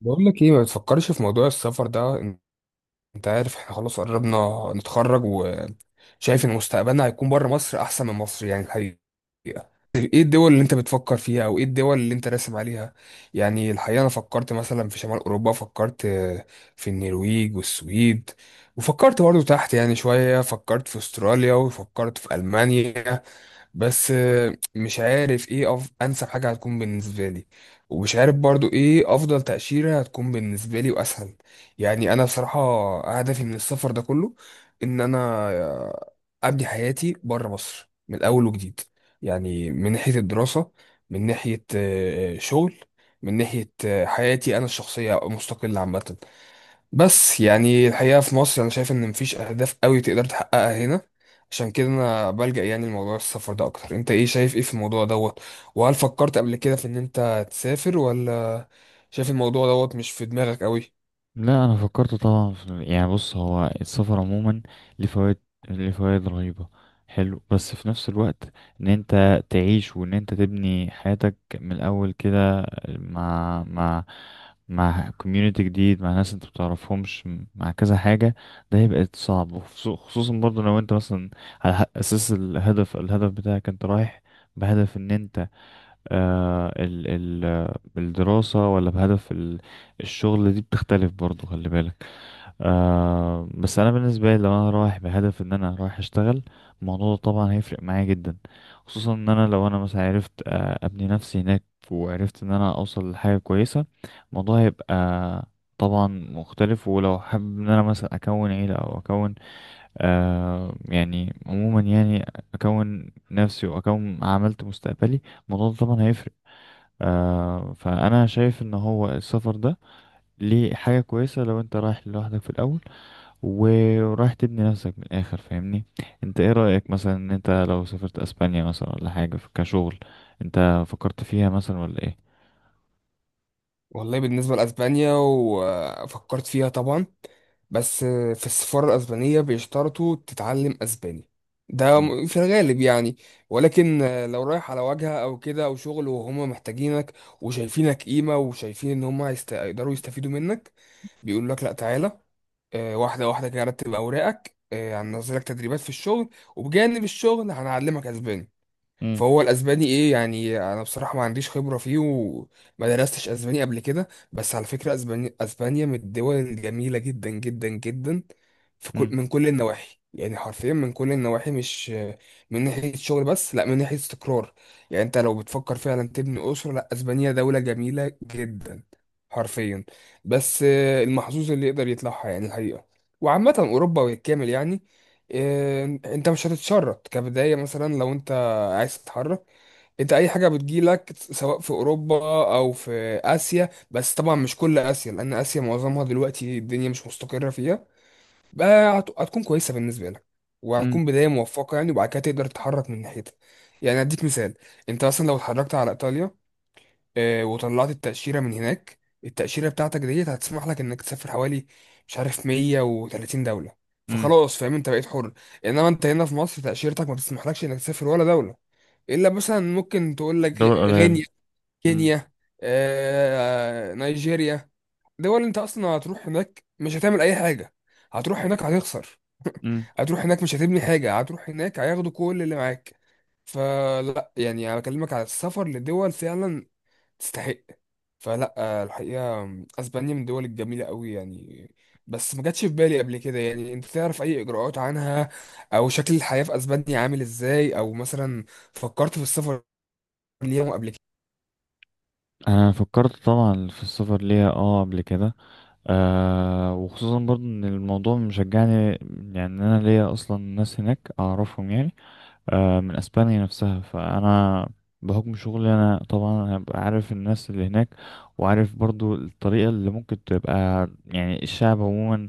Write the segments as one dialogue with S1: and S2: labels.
S1: بقول لك ايه، ما تفكرش في موضوع السفر ده. انت عارف احنا خلاص قربنا نتخرج، وشايف ان مستقبلنا هيكون بره مصر احسن من مصر يعني الحقيقة. ايه الدول اللي انت بتفكر فيها او ايه الدول اللي انت راسم عليها؟ يعني الحقيقة انا فكرت مثلا في شمال اوروبا، فكرت في النرويج والسويد، وفكرت برضه تحت يعني شوية، فكرت في استراليا وفكرت في المانيا. بس مش عارف ايه انسب حاجة هتكون بالنسبة لي، ومش عارف برضو ايه افضل تأشيرة هتكون بالنسبة لي واسهل. يعني انا بصراحه هدفي من السفر ده كله ان انا ابني حياتي بره مصر من اول وجديد. يعني من ناحيه الدراسه، من ناحيه شغل، من ناحيه حياتي انا الشخصيه مستقله عامه. بس يعني الحقيقه في مصر انا شايف ان مفيش اهداف قوي تقدر تحققها هنا. عشان كده انا بلجأ يعني لموضوع السفر ده اكتر. انت ايه شايف ايه في الموضوع دوت؟ وهل فكرت قبل كده في ان انت تسافر ولا شايف الموضوع دوت مش في دماغك قوي؟
S2: لا، انا فكرت طبعا في، يعني بص، هو السفر عموما ليه فوائد، ليه فوائد رهيبه حلو، بس في نفس الوقت ان انت تعيش وان انت تبني حياتك من الاول كده مع مع كوميونيتي جديد، مع ناس انت بتعرفهمش، مع كذا حاجه، ده هيبقى صعب. وخصو- خصوصا برضه لو انت مثلا على اساس الهدف، بتاعك انت رايح بهدف ان انت ال ال الدراسة ولا بهدف الشغل، دي بتختلف برضو، خلي بالك. بس أنا بالنسبة لي لو أنا رايح بهدف إن أنا رايح أشتغل، الموضوع ده طبعا هيفرق معايا جدا، خصوصا إن أنا لو أنا مثلا عرفت أبني نفسي هناك، وعرفت إن أنا أوصل لحاجة كويسة، الموضوع هيبقى طبعا مختلف. ولو حابب إن أنا مثلا أكون عيلة أو أكون، يعني عموما، أكون نفسي وأكون عملت مستقبلي، الموضوع ده طبعا هيفرق. آه، فانا شايف ان هو السفر ده ليه حاجه كويسه لو انت رايح لوحدك في الاول و- ورايح تبني نفسك من الاخر، فاهمني؟ انت ايه رايك مثلا ان انت لو سافرت اسبانيا مثلا ولا حاجه كشغل، انت فكرت فيها مثلا ولا ايه؟
S1: والله بالنسبة لأسبانيا وفكرت فيها طبعا، بس في السفارة الأسبانية بيشترطوا تتعلم أسباني.
S2: مم.
S1: في الغالب يعني. ولكن لو رايح على واجهة أو كده أو شغل وهما محتاجينك وشايفينك قيمة وشايفين إن هما هيقدروا يستفيدوا منك، بيقول لك لأ تعالى، واحدة واحدة كده رتب أوراقك، هننزلك تدريبات في الشغل، وبجانب الشغل هنعلمك أسباني.
S2: مم.
S1: فهو الاسباني ايه يعني، انا بصراحه ما عنديش خبره فيه وما درستش اسباني قبل كده. بس على فكره اسبانيا من الدول الجميله جدا جدا جدا في كل
S2: مم.
S1: من كل النواحي، يعني حرفيا من كل النواحي، مش من ناحيه شغل بس، لا من ناحيه استقرار. يعني انت لو بتفكر فعلا تبني اسره، لا اسبانيا دوله جميله جدا حرفيا. بس المحظوظ اللي يقدر يطلعها يعني الحقيقه. وعامه اوروبا بالكامل يعني، انت مش هتتشرط كبدايه. مثلا لو انت عايز تتحرك، انت اي حاجه بتجيلك سواء في اوروبا او في اسيا، بس طبعا مش كل اسيا لان اسيا معظمها دلوقتي الدنيا مش مستقره فيها، بقى هتكون كويسه بالنسبه لك
S2: مم.
S1: وهتكون بدايه موفقه يعني، وبعد كده تقدر تتحرك من ناحيتها. يعني اديك مثال، انت مثلا لو اتحركت على ايطاليا، اه، وطلعت التاشيره من هناك، التاشيره بتاعتك ديت هتسمح لك انك تسافر حوالي مش عارف 130 دوله.
S2: مم.
S1: فخلاص فاهم، انت بقيت حر. انما انت هنا في مصر تاشيرتك ما بتسمحلكش انك تسافر ولا دوله، الا مثلا ممكن تقول لك
S2: دول قليلة.
S1: غينيا،
S2: مم.
S1: كينيا، نيجيريا. دول انت اصلا هتروح هناك مش هتعمل اي حاجه، هتروح هناك هتخسر.
S2: مم.
S1: هتروح هناك مش هتبني حاجه، هتروح هناك هياخدوا كل اللي معاك. فلا يعني انا بكلمك على السفر لدول فعلا تستحق. فلا الحقيقه اسبانيا من الدول الجميله قوي يعني، بس ما جاتش في بالي قبل كده. يعني انت تعرف اي اجراءات عنها، او شكل الحياه في اسبانيا عامل ازاي، او مثلا فكرت في السفر ليهم قبل كده؟
S2: انا فكرت طبعا في السفر ليها، اه، قبل كده. آه، وخصوصا برضو ان الموضوع مشجعني، يعني إن انا ليا اصلا ناس هناك اعرفهم، يعني آه، من اسبانيا نفسها. فانا بحكم شغلي انا طبعا هبقى عارف الناس اللي هناك، وعارف برضو الطريقه اللي ممكن تبقى، يعني الشعب عموما،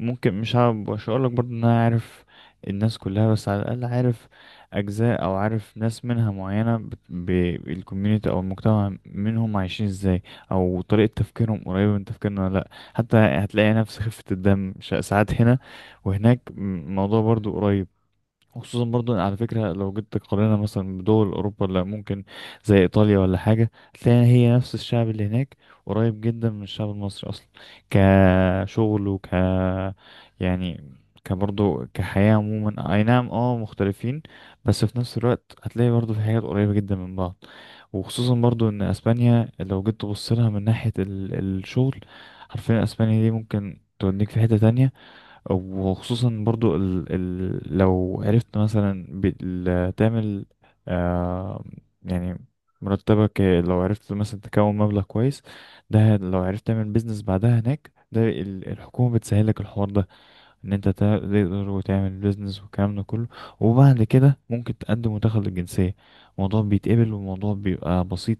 S2: ممكن مش هقول لك برضو ان انا عارف الناس كلها، بس على الاقل عارف اجزاء، او عارف ناس منها معينه بالكوميونتي او المجتمع، منهم عايشين ازاي، او طريقه تفكيرهم قريبه من تفكيرنا ولا لا. حتى هتلاقي نفس خفه الدم، ساعات هنا وهناك الموضوع برضو قريب. خصوصا برضو على فكرة، لو جيت تقارنها مثلا بدول أوروبا، اللي ممكن زي إيطاليا ولا حاجة، تلاقي هي نفس الشعب اللي هناك قريب جدا من الشعب المصري أصلا، كشغل وك، يعني كبرضو كحياة عموما. أي نعم، اه، مختلفين، بس في نفس الوقت هتلاقي برضو في حاجات قريبة جدا من بعض. وخصوصا برضو إن أسبانيا لو جيت تبص لها من ناحية الشغل، حرفيا أسبانيا دي ممكن توديك في حتة تانية. وخصوصا برضو ال ال لو عرفت مثلا تعمل، آه يعني مرتبك، لو عرفت مثلا تكون مبلغ كويس. ده لو عرفت تعمل بيزنس بعدها هناك، ده الحكومة بتسهل لك الحوار ده، ان انت تقدر وتعمل بيزنس والكلام ده كله، وبعد كده ممكن تقدم وتاخد الجنسية. الموضوع بيتقبل والموضوع بيبقى بسيط،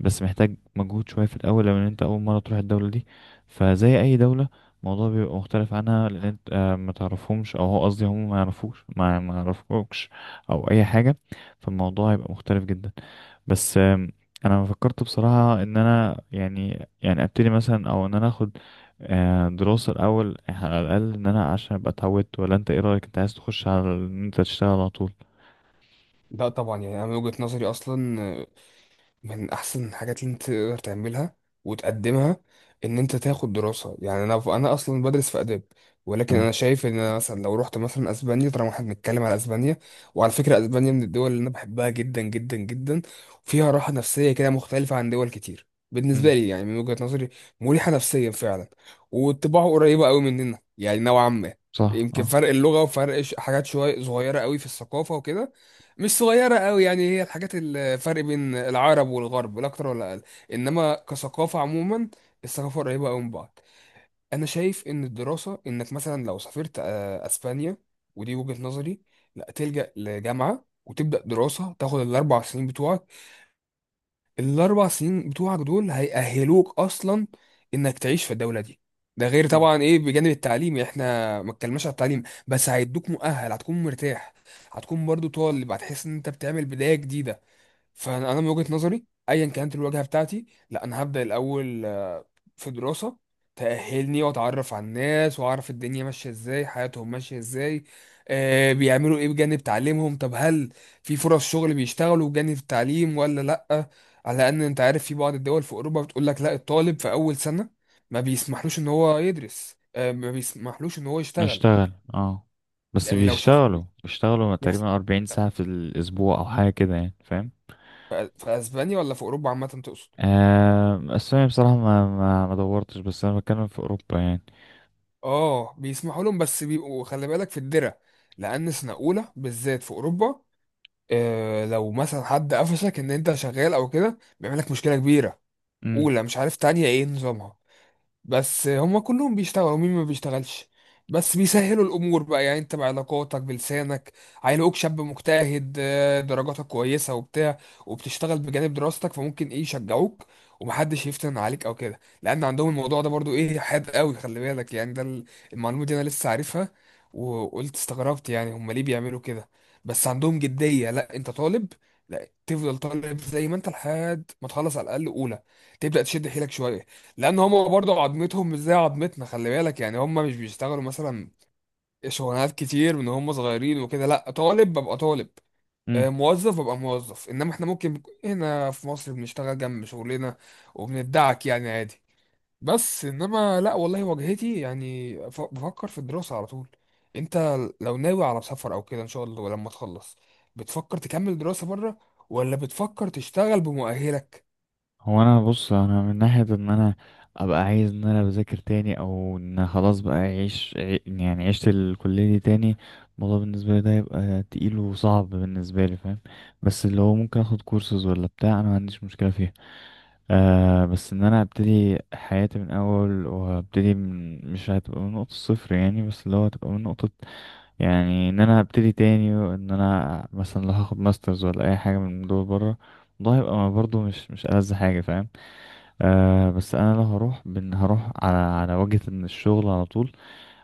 S2: بس محتاج مجهود شوية في الأول لو ان انت أول مرة تروح الدولة دي. فزي أي دولة، الموضوع بيبقى مختلف عنها، لأن انت ما تعرفهمش، أو هو قصدي هم ما يعرفوش، ما يعرفوكش، أو أي حاجة. فالموضوع هيبقى مختلف جدا. بس انا فكرت بصراحة ان انا، يعني يعني، ابتدي مثلا، او ان انا اخد دراسة الاول على الاقل، ان انا عشان ابقى اتعودت، ولا انت ايه رأيك؟ انت عايز تخش على ان انت تشتغل على طول؟
S1: لا طبعا، يعني انا من وجهة نظري اصلا من احسن الحاجات اللي انت تقدر تعملها وتقدمها ان انت تاخد دراسة. يعني انا اصلا بدرس في اداب، ولكن
S2: اه.
S1: انا شايف ان انا مثلا لو رحت مثلا اسبانيا، طالما احنا بنتكلم على اسبانيا، وعلى فكرة اسبانيا من الدول اللي انا بحبها جدا جدا جدا، وفيها راحة نفسية كده مختلفة عن دول كتير، بالنسبة
S2: مم.
S1: لي يعني من وجهة نظري مريحة نفسيا فعلا، وطباعه قريبة قوي مننا يعني نوعا ما.
S2: صح
S1: يمكن
S2: اه.
S1: فرق اللغة وفرق حاجات شوية صغيرة قوي في الثقافة وكده، مش صغيرة قوي يعني، هي الحاجات الفرق بين العرب والغرب، لا أكتر ولا أقل. إنما كثقافة عموما الثقافة قريبة قوي من بعض. أنا شايف إن الدراسة، إنك مثلا لو سافرت أسبانيا، ودي وجهة نظري، لا تلجأ لجامعة وتبدأ دراسة، تاخد الأربع سنين بتوعك. الأربع سنين بتوعك دول هيأهلوك أصلا إنك تعيش في الدولة دي. ده غير
S2: مم.
S1: طبعا إيه بجانب التعليم، إحنا ما اتكلمناش على التعليم، بس هيدوك مؤهل، هتكون مرتاح، هتكون برضو طالب، هتحس ان انت بتعمل بداية جديدة. فانا من وجهة نظري ايا كانت الواجهه بتاعتي، لا انا هبدا الاول في دراسه تاهلني، واتعرف على الناس واعرف الدنيا ماشيه ازاي، حياتهم ماشيه ازاي، آه بيعملوا ايه بجانب تعليمهم. طب هل في فرص شغل بيشتغلوا بجانب التعليم ولا لا؟ على ان انت عارف في بعض الدول في اوروبا بتقول لك لا، الطالب في اول سنه ما بيسمحلوش ان هو يدرس، آه ما بيسمحلوش ان هو يشتغل.
S2: نشتغل اه. بس
S1: يعني لو شافوه
S2: بيشتغلوا بيشتغلوا
S1: يحصل.
S2: تقريبا 40 ساعة في الأسبوع أو حاجة كده، يعني فاهم؟
S1: في اسبانيا ولا في اوروبا عامه تقصد؟
S2: آه، بس أنا بصراحة ما دورتش، بس أنا بتكلم في أوروبا يعني.
S1: اه بيسمحوا لهم، بس بيبقوا خلي بالك في الدرع، لان سنه اولى بالذات في اوروبا آه، لو مثلا حد قفشك ان انت شغال او كده بيعمل لك مشكله كبيره. اولى، مش عارف تانية ايه نظامها، بس هما كلهم بيشتغلوا، ومين ما بيشتغلش. بس بيسهلوا الامور بقى، يعني انت بعلاقاتك بلسانك، هيلاقوك شاب مجتهد، درجاتك كويسه وبتاع، وبتشتغل بجانب دراستك، فممكن ايه يشجعوك، ومحدش يفتن عليك او كده، لان عندهم الموضوع ده برضو ايه حاد قوي خلي بالك يعني. المعلومه دي انا لسه عارفها، وقلت استغربت يعني هما ليه بيعملوا كده، بس عندهم جديه، لا انت طالب، لا تفضل طالب زي ما انت لحد ما تخلص على الاقل. اولى تبدا تشد حيلك شويه، لان هم برضه عظمتهم مش زي عظمتنا خلي بالك يعني. هم مش بيشتغلوا مثلا شغلانات كتير من هم صغيرين وكده، لا طالب ببقى طالب،
S2: امم.
S1: موظف ببقى موظف. انما احنا ممكن هنا في مصر بنشتغل جنب شغلنا وبندعك يعني عادي. بس انما لا والله واجهتي يعني، بفكر في الدراسة على طول. انت لو ناوي على سفر او كده ان شاء الله لما تخلص، بتفكر تكمل دراسة بره ولا بتفكر تشتغل بمؤهلك؟
S2: هو انا بص، انا من ناحيه ان انا ابقى عايز ان انا بذاكر تاني، او ان خلاص بقى اعيش يعني عشت الكليه دي تاني، الموضوع بالنسبه لي ده هيبقى تقيل وصعب بالنسبه لي، فاهم؟ بس اللي هو ممكن اخد كورسز ولا بتاع، انا ما عنديش مشكله فيها. آه، بس ان انا ابتدي حياتي من اول، وابتدي من، مش هتبقى من نقطه صفر يعني، بس اللي هو هتبقى من نقطه، يعني ان انا ابتدي تاني. وان انا مثلا لو هاخد ماسترز ولا اي حاجه من دول بره، ده هيبقى برضه مش ألذ حاجه، فاهم؟ أه، بس انا لو هروح هروح على وجهة ان الشغل على طول.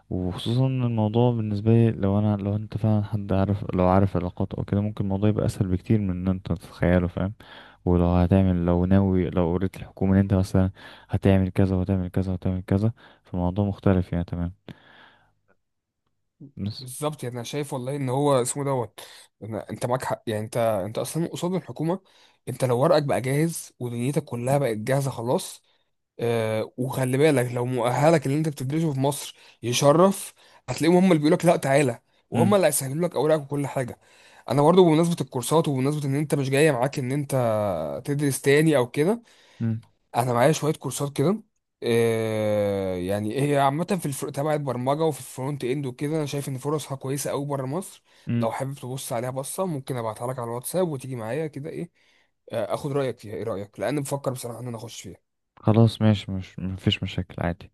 S2: وخصوصا إن الموضوع بالنسبة لي، لو انت فعلا حد عارف، لو عارف علاقات او كده، ممكن الموضوع يبقى اسهل بكتير من ان انت تتخيله، فاهم؟ ولو هتعمل، لو ناوي، لو قريت الحكومة ان انت مثلا هتعمل كذا وهتعمل كذا وهتعمل كذا، فالموضوع مختلف، يعني تمام. بس
S1: بالظبط، يعني انا شايف والله ان هو اسمه دوت. انت معاك حق يعني، انت اصلا قصاد الحكومه، انت لو ورقك بقى جاهز ودنيتك كلها بقت جاهزه خلاص، آه وخلي بالك لو مؤهلك اللي انت بتدرسه في مصر يشرف، هتلاقيهم هم اللي بيقول لك لا تعالى، وهم
S2: امم.
S1: اللي هيسهلوا لك اوراقك وكل حاجه. انا برضه بمناسبه الكورسات، وبمناسبه ان انت مش جايه معاك ان انت تدرس تاني او كده،
S2: امم.
S1: انا معايا شويه كورسات كده، يعني هي عامه في تبع البرمجه وفي الفرونت اند وكده. انا شايف ان فرصها كويسه قوي بره مصر. لو
S2: امم.
S1: حابب تبص عليها بصه، ممكن ابعتها لك على الواتساب وتيجي معايا كده، ايه، اخد رايك فيها. ايه رايك؟ لان بفكر بصراحه ان انا اخش فيها.
S2: خلاص، ماشي، مش، مفيش مشاكل عادي.